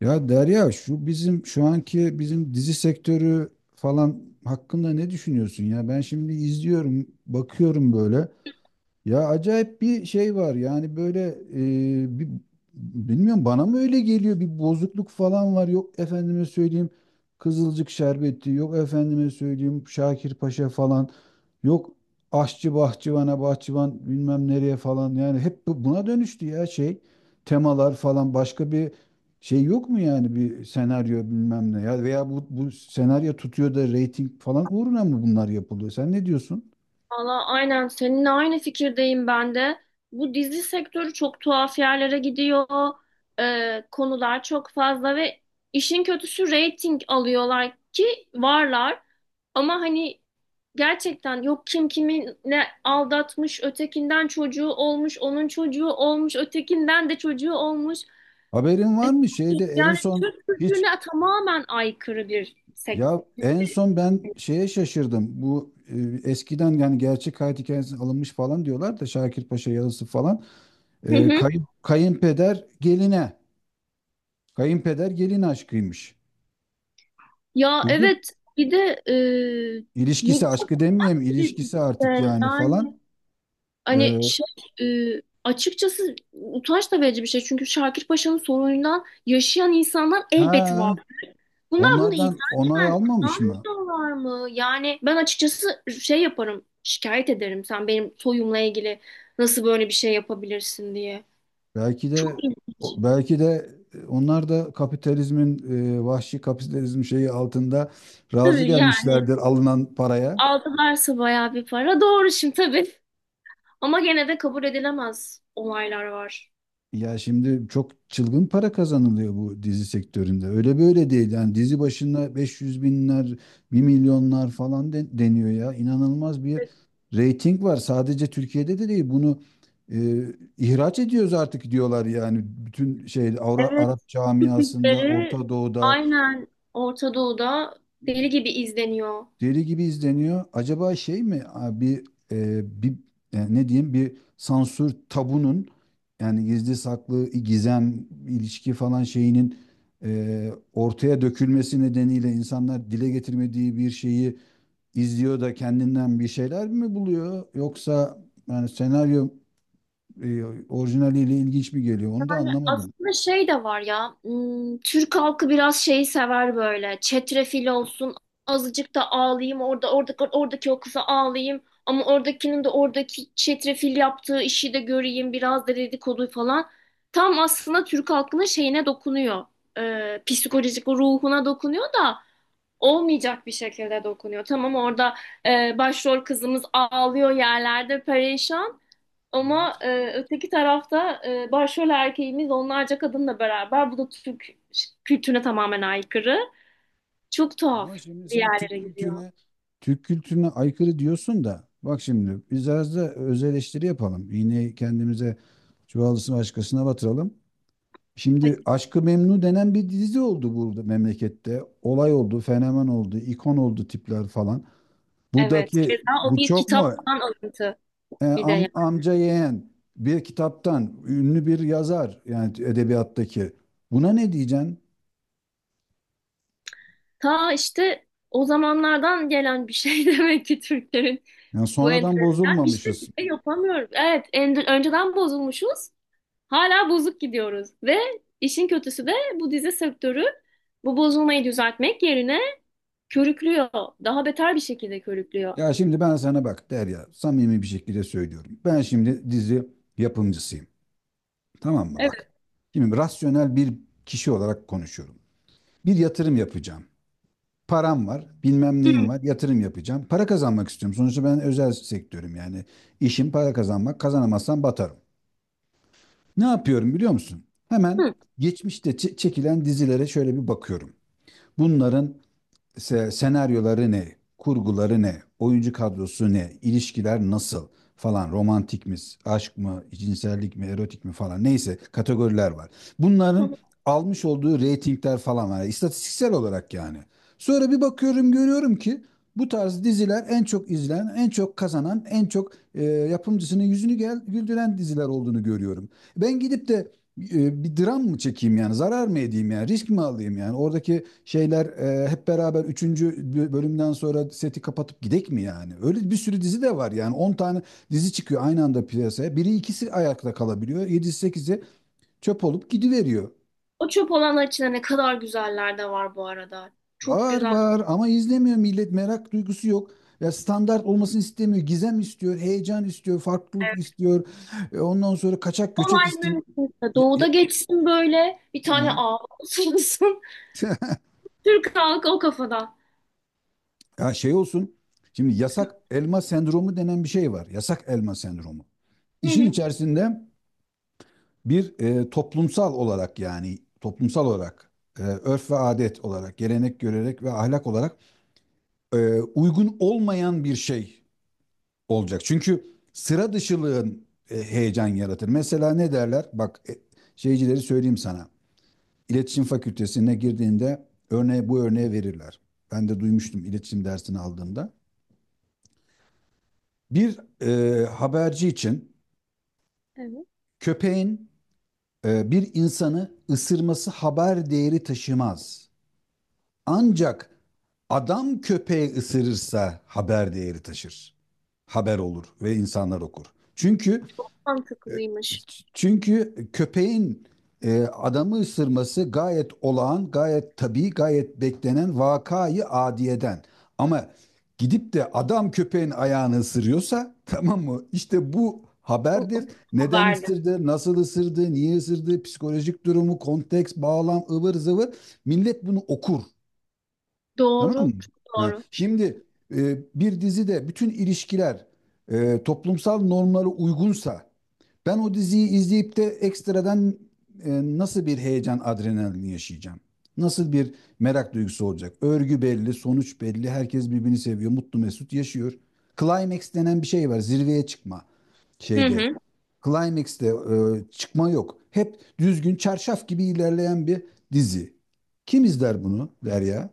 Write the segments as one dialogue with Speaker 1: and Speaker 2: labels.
Speaker 1: Ya Derya, şu bizim şu anki bizim dizi sektörü falan hakkında ne düşünüyorsun ya? Ben şimdi izliyorum, bakıyorum böyle. Ya acayip bir şey var yani böyle bir bilmiyorum, bana mı öyle geliyor, bir bozukluk falan var. Yok efendime söyleyeyim Kızılcık Şerbeti, yok efendime söyleyeyim Şakir Paşa falan. Yok aşçı bahçıvana, bahçıvan bilmem nereye falan. Yani hep buna dönüştü ya. Şey, temalar falan, başka bir şey yok mu yani? Bir senaryo bilmem ne ya. Veya bu senaryo tutuyor da reyting falan uğruna mı bunlar yapılıyor, sen ne diyorsun?
Speaker 2: Valla aynen seninle aynı fikirdeyim ben de. Bu dizi sektörü çok tuhaf yerlere gidiyor. Konular çok fazla ve işin kötüsü reyting alıyorlar ki varlar. Ama hani gerçekten yok kim kimi ne aldatmış, ötekinden çocuğu olmuş, onun çocuğu olmuş, ötekinden de çocuğu olmuş.
Speaker 1: Haberin
Speaker 2: E,
Speaker 1: var mı şeyde en
Speaker 2: Yani
Speaker 1: son,
Speaker 2: Türk
Speaker 1: hiç?
Speaker 2: kültürüne tamamen aykırı bir sektör.
Speaker 1: Ya en son ben şeye şaşırdım. Eskiden yani gerçek hayat hikayesi alınmış falan diyorlar da, Şakir Paşa yazısı falan.
Speaker 2: Hı hı.
Speaker 1: Kayınpeder geline. Kayınpeder gelin aşkıymış.
Speaker 2: Ya
Speaker 1: Duydun?
Speaker 2: evet, bir de
Speaker 1: İlişkisi,
Speaker 2: bu
Speaker 1: aşkı demeyeyim,
Speaker 2: İşte
Speaker 1: ilişkisi artık yani
Speaker 2: yani
Speaker 1: falan. Ee,
Speaker 2: Hani şey açıkçası utanç da verici bir şey. Çünkü Şakir Paşa'nın sorunundan yaşayan insanlar elbet var.
Speaker 1: ha,
Speaker 2: Bunlar bunu
Speaker 1: Onlardan onay
Speaker 2: izlerken
Speaker 1: almamış mı?
Speaker 2: utanmıyorlar mı? Yani ben açıkçası şey yaparım, şikayet ederim. Sen benim soyumla ilgili nasıl böyle bir şey yapabilirsin diye.
Speaker 1: Belki
Speaker 2: Çok
Speaker 1: de,
Speaker 2: iyi.
Speaker 1: belki de, onlar da kapitalizmin, vahşi kapitalizm şeyi altında razı
Speaker 2: Tabii yani
Speaker 1: gelmişlerdir alınan paraya.
Speaker 2: aldılarsa bayağı bir para. Doğru şimdi tabii. Ama gene de kabul edilemez olaylar var.
Speaker 1: Ya şimdi çok çılgın para kazanılıyor bu dizi sektöründe. Öyle böyle değil. Yani dizi başına 500 binler, bir milyonlar falan deniyor ya. İnanılmaz bir reyting var. Sadece Türkiye'de de değil. Bunu e, ihraç ediyoruz artık diyorlar yani. Bütün şey
Speaker 2: Evet,
Speaker 1: Arap
Speaker 2: Türk
Speaker 1: camiasında,
Speaker 2: dizileri,
Speaker 1: Orta Doğu'da
Speaker 2: aynen, Orta Doğu'da deli gibi izleniyor.
Speaker 1: deli gibi izleniyor. Acaba şey mi, a, bir e, bir e, ne diyeyim, bir sansür tabunun, yani gizli saklı gizem ilişki falan şeyinin ortaya dökülmesi nedeniyle insanlar dile getirmediği bir şeyi izliyor da kendinden bir şeyler mi buluyor, yoksa yani senaryo e, orijinaliyle ilginç mi geliyor, onu da anlamadım.
Speaker 2: Aslında şey de var ya, Türk halkı biraz şeyi sever böyle. Çetrefil olsun, azıcık da ağlayayım, oradaki, oradaki o kıza ağlayayım. Ama oradakinin de oradaki çetrefil yaptığı işi de göreyim, biraz da dedikodu falan. Tam aslında Türk halkının şeyine dokunuyor. Psikolojik ruhuna dokunuyor da olmayacak bir şekilde dokunuyor. Tamam, orada başrol kızımız ağlıyor yerlerde perişan, ama
Speaker 1: Evet.
Speaker 2: öteki tarafta başrol erkeğimiz onlarca kadınla beraber. Bu da Türk kültürüne tamamen aykırı. Çok tuhaf
Speaker 1: Ama şimdi
Speaker 2: bir
Speaker 1: sen
Speaker 2: yerlere
Speaker 1: Türk
Speaker 2: gidiyor.
Speaker 1: kültürüne, Türk kültürüne aykırı diyorsun da, bak şimdi biz biraz da öz eleştiri yapalım. İğneyi kendimize, çuvalısını başkasına batıralım. Şimdi
Speaker 2: Hadi.
Speaker 1: Aşk-ı Memnu denen bir dizi oldu burada memlekette. Olay oldu, fenomen oldu, ikon oldu tipler falan.
Speaker 2: Evet.
Speaker 1: Buradaki
Speaker 2: Keza o
Speaker 1: bu
Speaker 2: bir
Speaker 1: çok mu?
Speaker 2: kitaptan alıntı bir de yani.
Speaker 1: Amca yeğen, bir kitaptan, ünlü bir yazar yani edebiyattaki. Buna ne diyeceksin?
Speaker 2: Ta işte o zamanlardan gelen bir şey demek ki Türklerin
Speaker 1: Yani
Speaker 2: bu
Speaker 1: sonradan
Speaker 2: enteresan. Bir
Speaker 1: bozulmamışız.
Speaker 2: şey yapamıyoruz. Evet, önceden bozulmuşuz. Hala bozuk gidiyoruz ve işin kötüsü de bu dizi sektörü bu bozulmayı düzeltmek yerine körüklüyor. Daha beter bir şekilde körüklüyor.
Speaker 1: Ya şimdi ben sana bak Derya, samimi bir şekilde söylüyorum. Ben şimdi dizi yapımcısıyım. Tamam mı,
Speaker 2: Evet.
Speaker 1: bak? Şimdi rasyonel bir kişi olarak konuşuyorum. Bir yatırım yapacağım. Param var, bilmem
Speaker 2: Hı,
Speaker 1: neyim var, yatırım yapacağım. Para kazanmak istiyorum. Sonuçta ben özel sektörüm yani. İşim para kazanmak, kazanamazsam batarım. Ne yapıyorum biliyor musun? Hemen
Speaker 2: hı.
Speaker 1: geçmişte çekilen dizilere şöyle bir bakıyorum. Bunların senaryoları ne, kurguları ne, oyuncu kadrosu ne, ilişkiler nasıl falan, romantik mi, aşk mı, cinsellik mi, erotik mi falan, neyse, kategoriler var. Bunların almış olduğu reytingler falan var, istatistiksel olarak yani. Sonra bir bakıyorum, görüyorum ki bu tarz diziler en çok izlenen, en çok kazanan, en çok yapımcısının yüzünü güldüren diziler olduğunu görüyorum. Ben gidip de bir dram mı çekeyim yani, zarar mı edeyim yani, risk mi alayım yani, oradaki şeyler hep beraber üçüncü bölümden sonra seti kapatıp gidek mi yani? Öyle bir sürü dizi de var yani, 10 tane dizi çıkıyor aynı anda piyasaya. Biri ikisi ayakta kalabiliyor. 7-8'i çöp olup gidiveriyor.
Speaker 2: O çöp olanlar içinde ne kadar güzeller de var bu arada. Çok
Speaker 1: Var
Speaker 2: güzel.
Speaker 1: var ama izlemiyor millet, merak duygusu yok. Ya standart olmasını istemiyor. Gizem istiyor, heyecan istiyor, farklılık
Speaker 2: Evet.
Speaker 1: istiyor. E, ondan sonra kaçak göçek
Speaker 2: Olay
Speaker 1: istiyor.
Speaker 2: mümkünse
Speaker 1: Ya- ya-
Speaker 2: doğuda geçsin, böyle bir tane
Speaker 1: he.
Speaker 2: ağ olsun. Türk halkı o kafada.
Speaker 1: Ya şey olsun. Şimdi yasak elma sendromu denen bir şey var. Yasak elma sendromu.
Speaker 2: Hı
Speaker 1: İşin
Speaker 2: hı.
Speaker 1: içerisinde toplumsal olarak, yani toplumsal olarak örf ve adet olarak, gelenek, görerek ve ahlak olarak uygun olmayan bir şey olacak. Çünkü sıra dışılığın heyecan yaratır. Mesela ne derler? Şeycileri söyleyeyim sana. İletişim Fakültesine girdiğinde örneği, bu örneği verirler. Ben de duymuştum iletişim dersini aldığımda. Bir haberci için
Speaker 2: Evet.
Speaker 1: köpeğin bir insanı ısırması haber değeri taşımaz. Ancak adam köpeği ısırırsa haber değeri taşır. Haber olur ve insanlar okur. Çünkü
Speaker 2: Mantıklıymış.
Speaker 1: Çünkü köpeğin adamı ısırması gayet olağan, gayet tabii, gayet beklenen vakayı adiyeden. Ama gidip de adam köpeğin ayağını ısırıyorsa tamam mı? İşte bu
Speaker 2: O- o
Speaker 1: haberdir. Neden
Speaker 2: Haberde.
Speaker 1: ısırdı, nasıl ısırdı, niye ısırdı, psikolojik durumu, konteks, bağlam, ıvır zıvır. Millet bunu okur. Tamam mı?
Speaker 2: Doğru. Çok
Speaker 1: Ha,
Speaker 2: doğru.
Speaker 1: şimdi bir dizide bütün ilişkiler toplumsal normlara uygunsa ben o diziyi izleyip de ekstradan e, nasıl bir heyecan, adrenalin yaşayacağım? Nasıl bir merak duygusu olacak? Örgü belli, sonuç belli, herkes birbirini seviyor, mutlu mesut yaşıyor. Climax denen bir şey var, zirveye çıkma
Speaker 2: Hı
Speaker 1: şeyde.
Speaker 2: hı.
Speaker 1: Climax'te çıkma yok. Hep düzgün, çarşaf gibi ilerleyen bir dizi. Kim izler bunu Derya?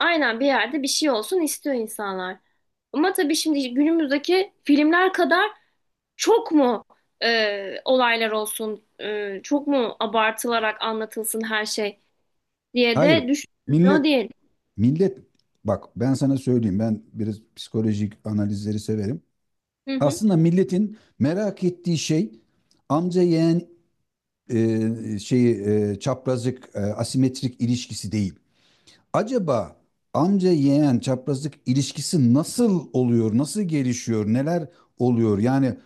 Speaker 2: Aynen, bir yerde bir şey olsun istiyor insanlar. Ama tabii şimdi günümüzdeki filmler kadar çok mu olaylar olsun, çok mu abartılarak anlatılsın her şey diye
Speaker 1: Hayır.
Speaker 2: de düşünmüyor
Speaker 1: Millet
Speaker 2: değil.
Speaker 1: millet, bak ben sana söyleyeyim, ben biraz psikolojik analizleri severim.
Speaker 2: Hı hı.
Speaker 1: Aslında milletin merak ettiği şey amca yeğen e, şeyi çaprazlık, asimetrik ilişkisi değil. Acaba amca yeğen çaprazlık ilişkisi nasıl oluyor? Nasıl gelişiyor? Neler oluyor? Yani,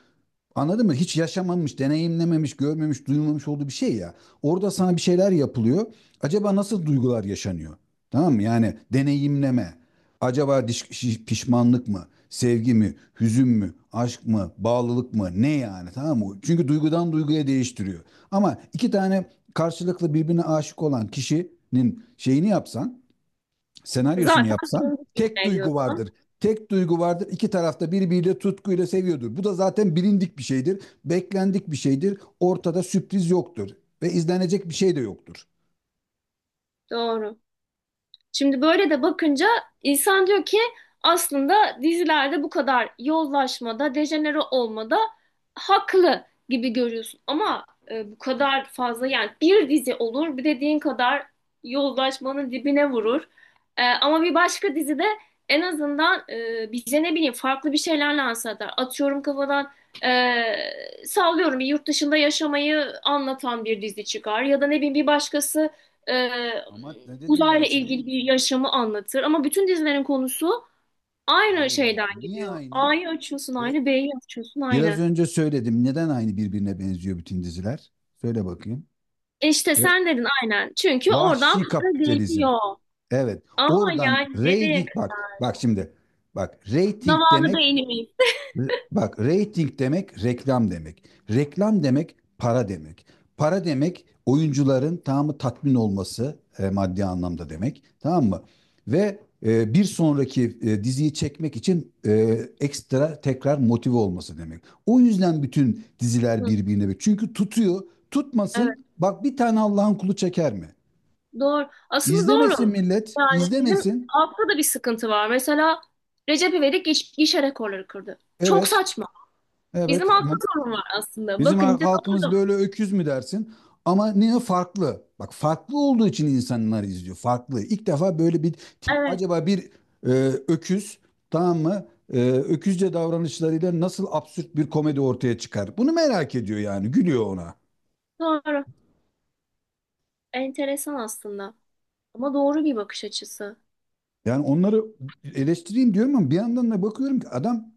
Speaker 1: anladın mı? Hiç yaşamamış, deneyimlememiş, görmemiş, duymamış olduğu bir şey ya. Orada sana bir şeyler yapılıyor. Acaba nasıl duygular yaşanıyor? Tamam mı? Yani deneyimleme. Acaba pişmanlık mı? Sevgi mi? Hüzün mü? Aşk mı? Bağlılık mı? Ne yani? Tamam mı? Çünkü duygudan duyguya değiştiriyor. Ama iki tane karşılıklı birbirine aşık olan kişinin şeyini yapsan, senaryosunu
Speaker 2: Zaten
Speaker 1: yapsan, tek
Speaker 2: ne
Speaker 1: duygu
Speaker 2: diyorsun?
Speaker 1: vardır. Tek duygu vardır. İki tarafta birbiriyle tutkuyla seviyordur. Bu da zaten bilindik bir şeydir. Beklendik bir şeydir. Ortada sürpriz yoktur. Ve izlenecek bir şey de yoktur.
Speaker 2: Doğru. Şimdi böyle de bakınca insan diyor ki aslında dizilerde bu kadar yozlaşmada, dejenere olmada haklı gibi görüyorsun. Ama bu kadar fazla, yani bir dizi olur, bir dediğin kadar yozlaşmanın dibine vurur. E, ama bir başka dizide en azından bize ne bileyim farklı bir şeyler lanse eder. Atıyorum kafadan, sallıyorum, bir yurt dışında yaşamayı anlatan bir dizi çıkar ya da ne bileyim bir başkası e,
Speaker 1: Ama ne dedim ben
Speaker 2: uzayla
Speaker 1: sana?
Speaker 2: ilgili bir yaşamı anlatır. Ama bütün dizilerin konusu aynı
Speaker 1: Hayır hayır.
Speaker 2: şeyden
Speaker 1: Niye
Speaker 2: gidiyor.
Speaker 1: aynı?
Speaker 2: A'yı açıyorsun
Speaker 1: Bir-
Speaker 2: aynı, B'yi açıyorsun
Speaker 1: Biraz
Speaker 2: aynı.
Speaker 1: önce söyledim. Neden aynı birbirine benziyor bütün diziler? Söyle bakayım.
Speaker 2: E İşte
Speaker 1: Biraz-
Speaker 2: sen dedin aynen. Çünkü oradan
Speaker 1: Vahşi
Speaker 2: para
Speaker 1: kapitalizm.
Speaker 2: geliyor.
Speaker 1: Evet.
Speaker 2: Ama
Speaker 1: Oradan
Speaker 2: yani nereye?
Speaker 1: reyting, bak. Bak şimdi. Bak reyting
Speaker 2: Zavallı
Speaker 1: demek
Speaker 2: beynimiz.
Speaker 1: Bak rating demek reklam demek. Reklam demek para demek. Para demek oyuncuların tamamı tatmin olması maddi anlamda demek. Tamam mı? Ve bir sonraki diziyi çekmek için ekstra tekrar motive olması demek. O yüzden bütün
Speaker 2: Hı,
Speaker 1: diziler birbirine, çünkü tutuyor.
Speaker 2: evet,
Speaker 1: Tutmasın. Bak bir tane Allah'ın kulu çeker mi?
Speaker 2: doğru. Aslında
Speaker 1: İzlemesin
Speaker 2: doğru.
Speaker 1: millet,
Speaker 2: Yani bizim
Speaker 1: izlemesin.
Speaker 2: altta da bir sıkıntı var. Mesela Recep İvedik gişe rekorları kırdı. Çok
Speaker 1: Evet,
Speaker 2: saçma.
Speaker 1: evet.
Speaker 2: Bizim altta sorun var aslında.
Speaker 1: Bizim
Speaker 2: Bakınca
Speaker 1: halkımız
Speaker 2: doğru.
Speaker 1: böyle öküz mü dersin? Ama ne farklı? Bak farklı olduğu için insanlar izliyor. Farklı. İlk defa böyle bir tip.
Speaker 2: Evet,
Speaker 1: Acaba bir e, öküz, tamam mı? E, öküzce davranışlarıyla nasıl absürt bir komedi ortaya çıkar? Bunu merak ediyor yani. Gülüyor ona.
Speaker 2: doğru. Enteresan aslında. Ama doğru bir bakış açısı.
Speaker 1: Yani onları eleştireyim diyorum ama bir yandan da bakıyorum ki adam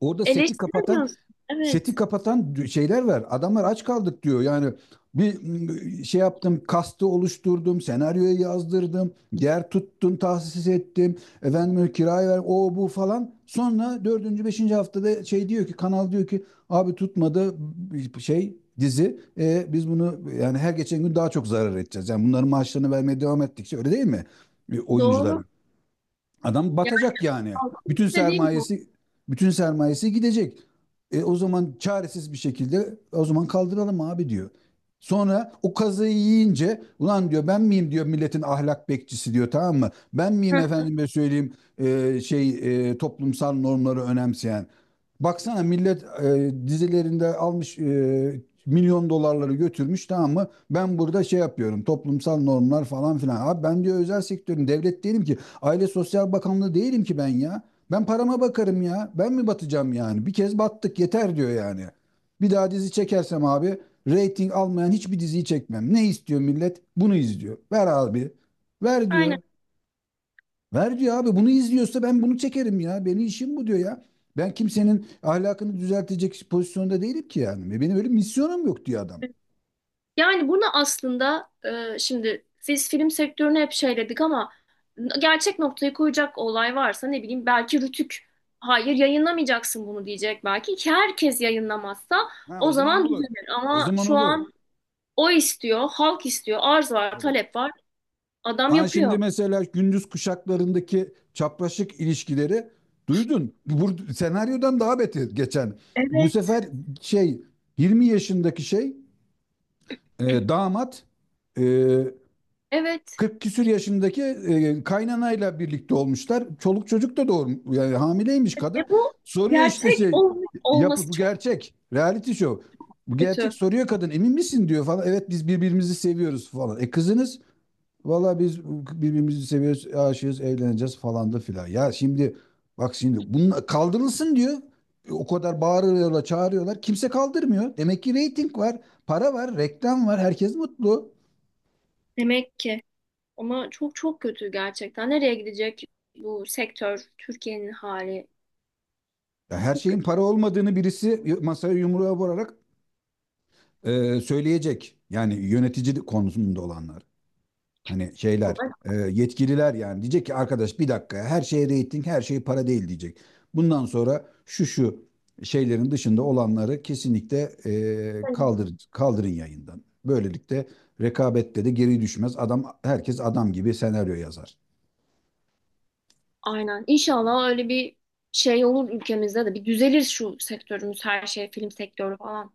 Speaker 1: orada seti kapatan,
Speaker 2: Eleştiremiyorsun. Evet,
Speaker 1: seti kapatan şeyler var. Adamlar aç kaldık diyor. Yani bir şey yaptım, kastı oluşturdum, senaryoyu yazdırdım, yer tuttum, tahsis ettim. Efendim kirayı ver, o bu falan. Sonra dördüncü, beşinci haftada şey diyor ki, kanal diyor ki, abi tutmadı şey dizi. E, biz bunu yani her geçen gün daha çok zarar edeceğiz. Yani bunların maaşlarını vermeye devam ettikçe, öyle değil mi? E, oyuncular,
Speaker 2: doğru.
Speaker 1: adam
Speaker 2: Yani
Speaker 1: batacak yani.
Speaker 2: halkın
Speaker 1: Bütün
Speaker 2: istediği bu.
Speaker 1: sermayesi bütün sermayesi gidecek. E, o zaman çaresiz bir şekilde, o zaman kaldıralım abi diyor. Sonra o kazayı yiyince ulan diyor, ben miyim diyor milletin ahlak bekçisi diyor, tamam mı? Ben miyim
Speaker 2: Heh,
Speaker 1: efendime söyleyeyim toplumsal normları önemseyen? Baksana millet dizilerinde almış milyon dolarları götürmüş, tamam mı? Ben burada şey yapıyorum, toplumsal normlar falan filan. Abi ben diyor özel sektörüm, devlet değilim ki. Aile Sosyal Bakanlığı değilim ki ben ya. Ben parama bakarım ya. Ben mi batacağım yani? Bir kez battık yeter diyor yani. Bir daha dizi çekersem abi reyting almayan hiçbir diziyi çekmem. Ne istiyor millet? Bunu izliyor. Ver abi. Ver
Speaker 2: aynen.
Speaker 1: diyor. Ver diyor abi, bunu izliyorsa ben bunu çekerim ya. Benim işim bu diyor ya. Ben kimsenin ahlakını düzeltecek pozisyonda değilim ki yani. Benim öyle misyonum yok diyor adam.
Speaker 2: Yani bunu aslında şimdi biz film sektörünü hep şeyledik, ama gerçek noktayı koyacak olay varsa ne bileyim belki Rütük hayır yayınlamayacaksın bunu diyecek, belki ki herkes yayınlamazsa
Speaker 1: Ha,
Speaker 2: o
Speaker 1: o zaman
Speaker 2: zaman
Speaker 1: olur.
Speaker 2: düzelir,
Speaker 1: O
Speaker 2: ama
Speaker 1: zaman
Speaker 2: şu
Speaker 1: olur.
Speaker 2: an o istiyor, halk istiyor, arz var,
Speaker 1: Tabii.
Speaker 2: talep var. Adam
Speaker 1: Ha, şimdi
Speaker 2: yapıyor.
Speaker 1: mesela gündüz kuşaklarındaki çapraşık ilişkileri duydun. Bu senaryodan daha beter geçen. Bu
Speaker 2: Evet.
Speaker 1: sefer şey, 20 yaşındaki şey, damat, e,
Speaker 2: Evet.
Speaker 1: 40 küsür yaşındaki kaynanayla birlikte olmuşlar. Çoluk çocuk da doğru, yani hamileymiş
Speaker 2: E
Speaker 1: kadın.
Speaker 2: bu
Speaker 1: Soruyor işte
Speaker 2: gerçek
Speaker 1: şey, yapı
Speaker 2: olması.
Speaker 1: bu gerçek. Reality show. Bu gerçek,
Speaker 2: Kötü.
Speaker 1: soruyor kadın. Emin misin diyor falan. Evet biz birbirimizi seviyoruz falan. E kızınız, valla biz birbirimizi seviyoruz, aşığız, evleneceğiz falan da filan. Ya şimdi bak şimdi bunun kaldırılsın diyor. E, o kadar bağırıyorlar, çağırıyorlar. Kimse kaldırmıyor. Demek ki reyting var, para var, reklam var. Herkes mutlu.
Speaker 2: Demek ki. Ama çok çok kötü gerçekten. Nereye gidecek bu sektör, Türkiye'nin hali?
Speaker 1: Ya her
Speaker 2: Çok
Speaker 1: şeyin
Speaker 2: kötü.
Speaker 1: para olmadığını birisi masaya yumruğa vurarak söyleyecek. Yani yönetici konusunda olanlar. Hani şeyler,
Speaker 2: Vallahi
Speaker 1: yetkililer yani diyecek ki, arkadaş bir dakika ya, her şey reyting, her şey para değil diyecek. Bundan sonra şu şeylerin dışında olanları kesinlikle kaldırın yayından. Böylelikle rekabette de geri düşmez. Adam, herkes adam gibi senaryo yazar.
Speaker 2: aynen. İnşallah öyle bir şey olur ülkemizde de. Bir düzelir şu sektörümüz, her şey, film sektörü falan.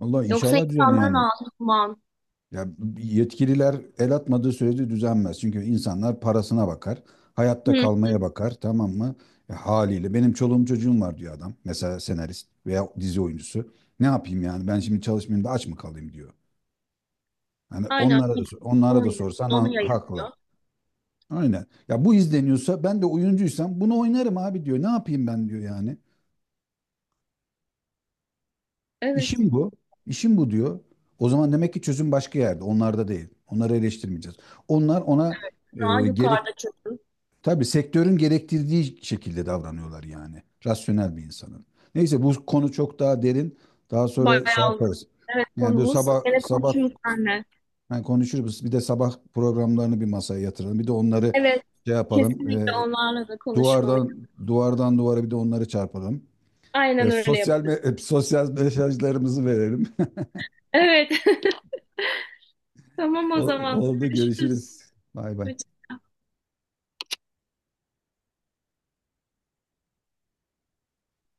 Speaker 1: Vallahi
Speaker 2: Yoksa
Speaker 1: inşallah düzenli
Speaker 2: insanların
Speaker 1: yani.
Speaker 2: ağzı duman.
Speaker 1: Ya yetkililer el atmadığı sürece düzenmez. Çünkü insanlar parasına bakar, hayatta
Speaker 2: Hı hı.
Speaker 1: kalmaya bakar, tamam mı? E, haliyle benim çoluğum çocuğum var diyor adam. Mesela senarist veya dizi oyuncusu. Ne yapayım yani? Ben şimdi çalışmayayım da aç mı kalayım diyor. Yani
Speaker 2: Aynen.
Speaker 1: onlara da onlara da
Speaker 2: Oynuyor.
Speaker 1: sorsan
Speaker 2: Onu
Speaker 1: haklı.
Speaker 2: yayınlıyor.
Speaker 1: Aynen. Ya bu izleniyorsa ben de oyuncuysam bunu oynarım abi diyor. Ne yapayım ben diyor yani.
Speaker 2: Evet.
Speaker 1: İşim bu. İşim bu diyor. O zaman demek ki çözüm başka yerde. Onlarda değil. Onları eleştirmeyeceğiz. Onlar ona
Speaker 2: Daha
Speaker 1: gerekli,
Speaker 2: yukarıda çünkü.
Speaker 1: tabii sektörün gerektirdiği şekilde davranıyorlar yani. Rasyonel bir insanın. Neyse, bu konu çok daha derin. Daha sonra şey
Speaker 2: Bayağı uzun.
Speaker 1: yaparız.
Speaker 2: Evet,
Speaker 1: Yani bu
Speaker 2: konumuz.
Speaker 1: sabah
Speaker 2: Gene
Speaker 1: sabah
Speaker 2: konuşuruz seninle.
Speaker 1: yani konuşuruz. Bir de sabah programlarını bir masaya yatıralım. Bir de onları
Speaker 2: Evet.
Speaker 1: şey yapalım.
Speaker 2: Kesinlikle onlarla da konuşmalıyız.
Speaker 1: Duvardan, duvardan duvara bir de onları çarpalım.
Speaker 2: Aynen öyle yapalım.
Speaker 1: Sosyal mesajlarımızı verelim.
Speaker 2: Evet. Tamam o
Speaker 1: O-
Speaker 2: zaman.
Speaker 1: Oldu,
Speaker 2: Görüşürüz.
Speaker 1: görüşürüz. Bay bay.
Speaker 2: Hoşça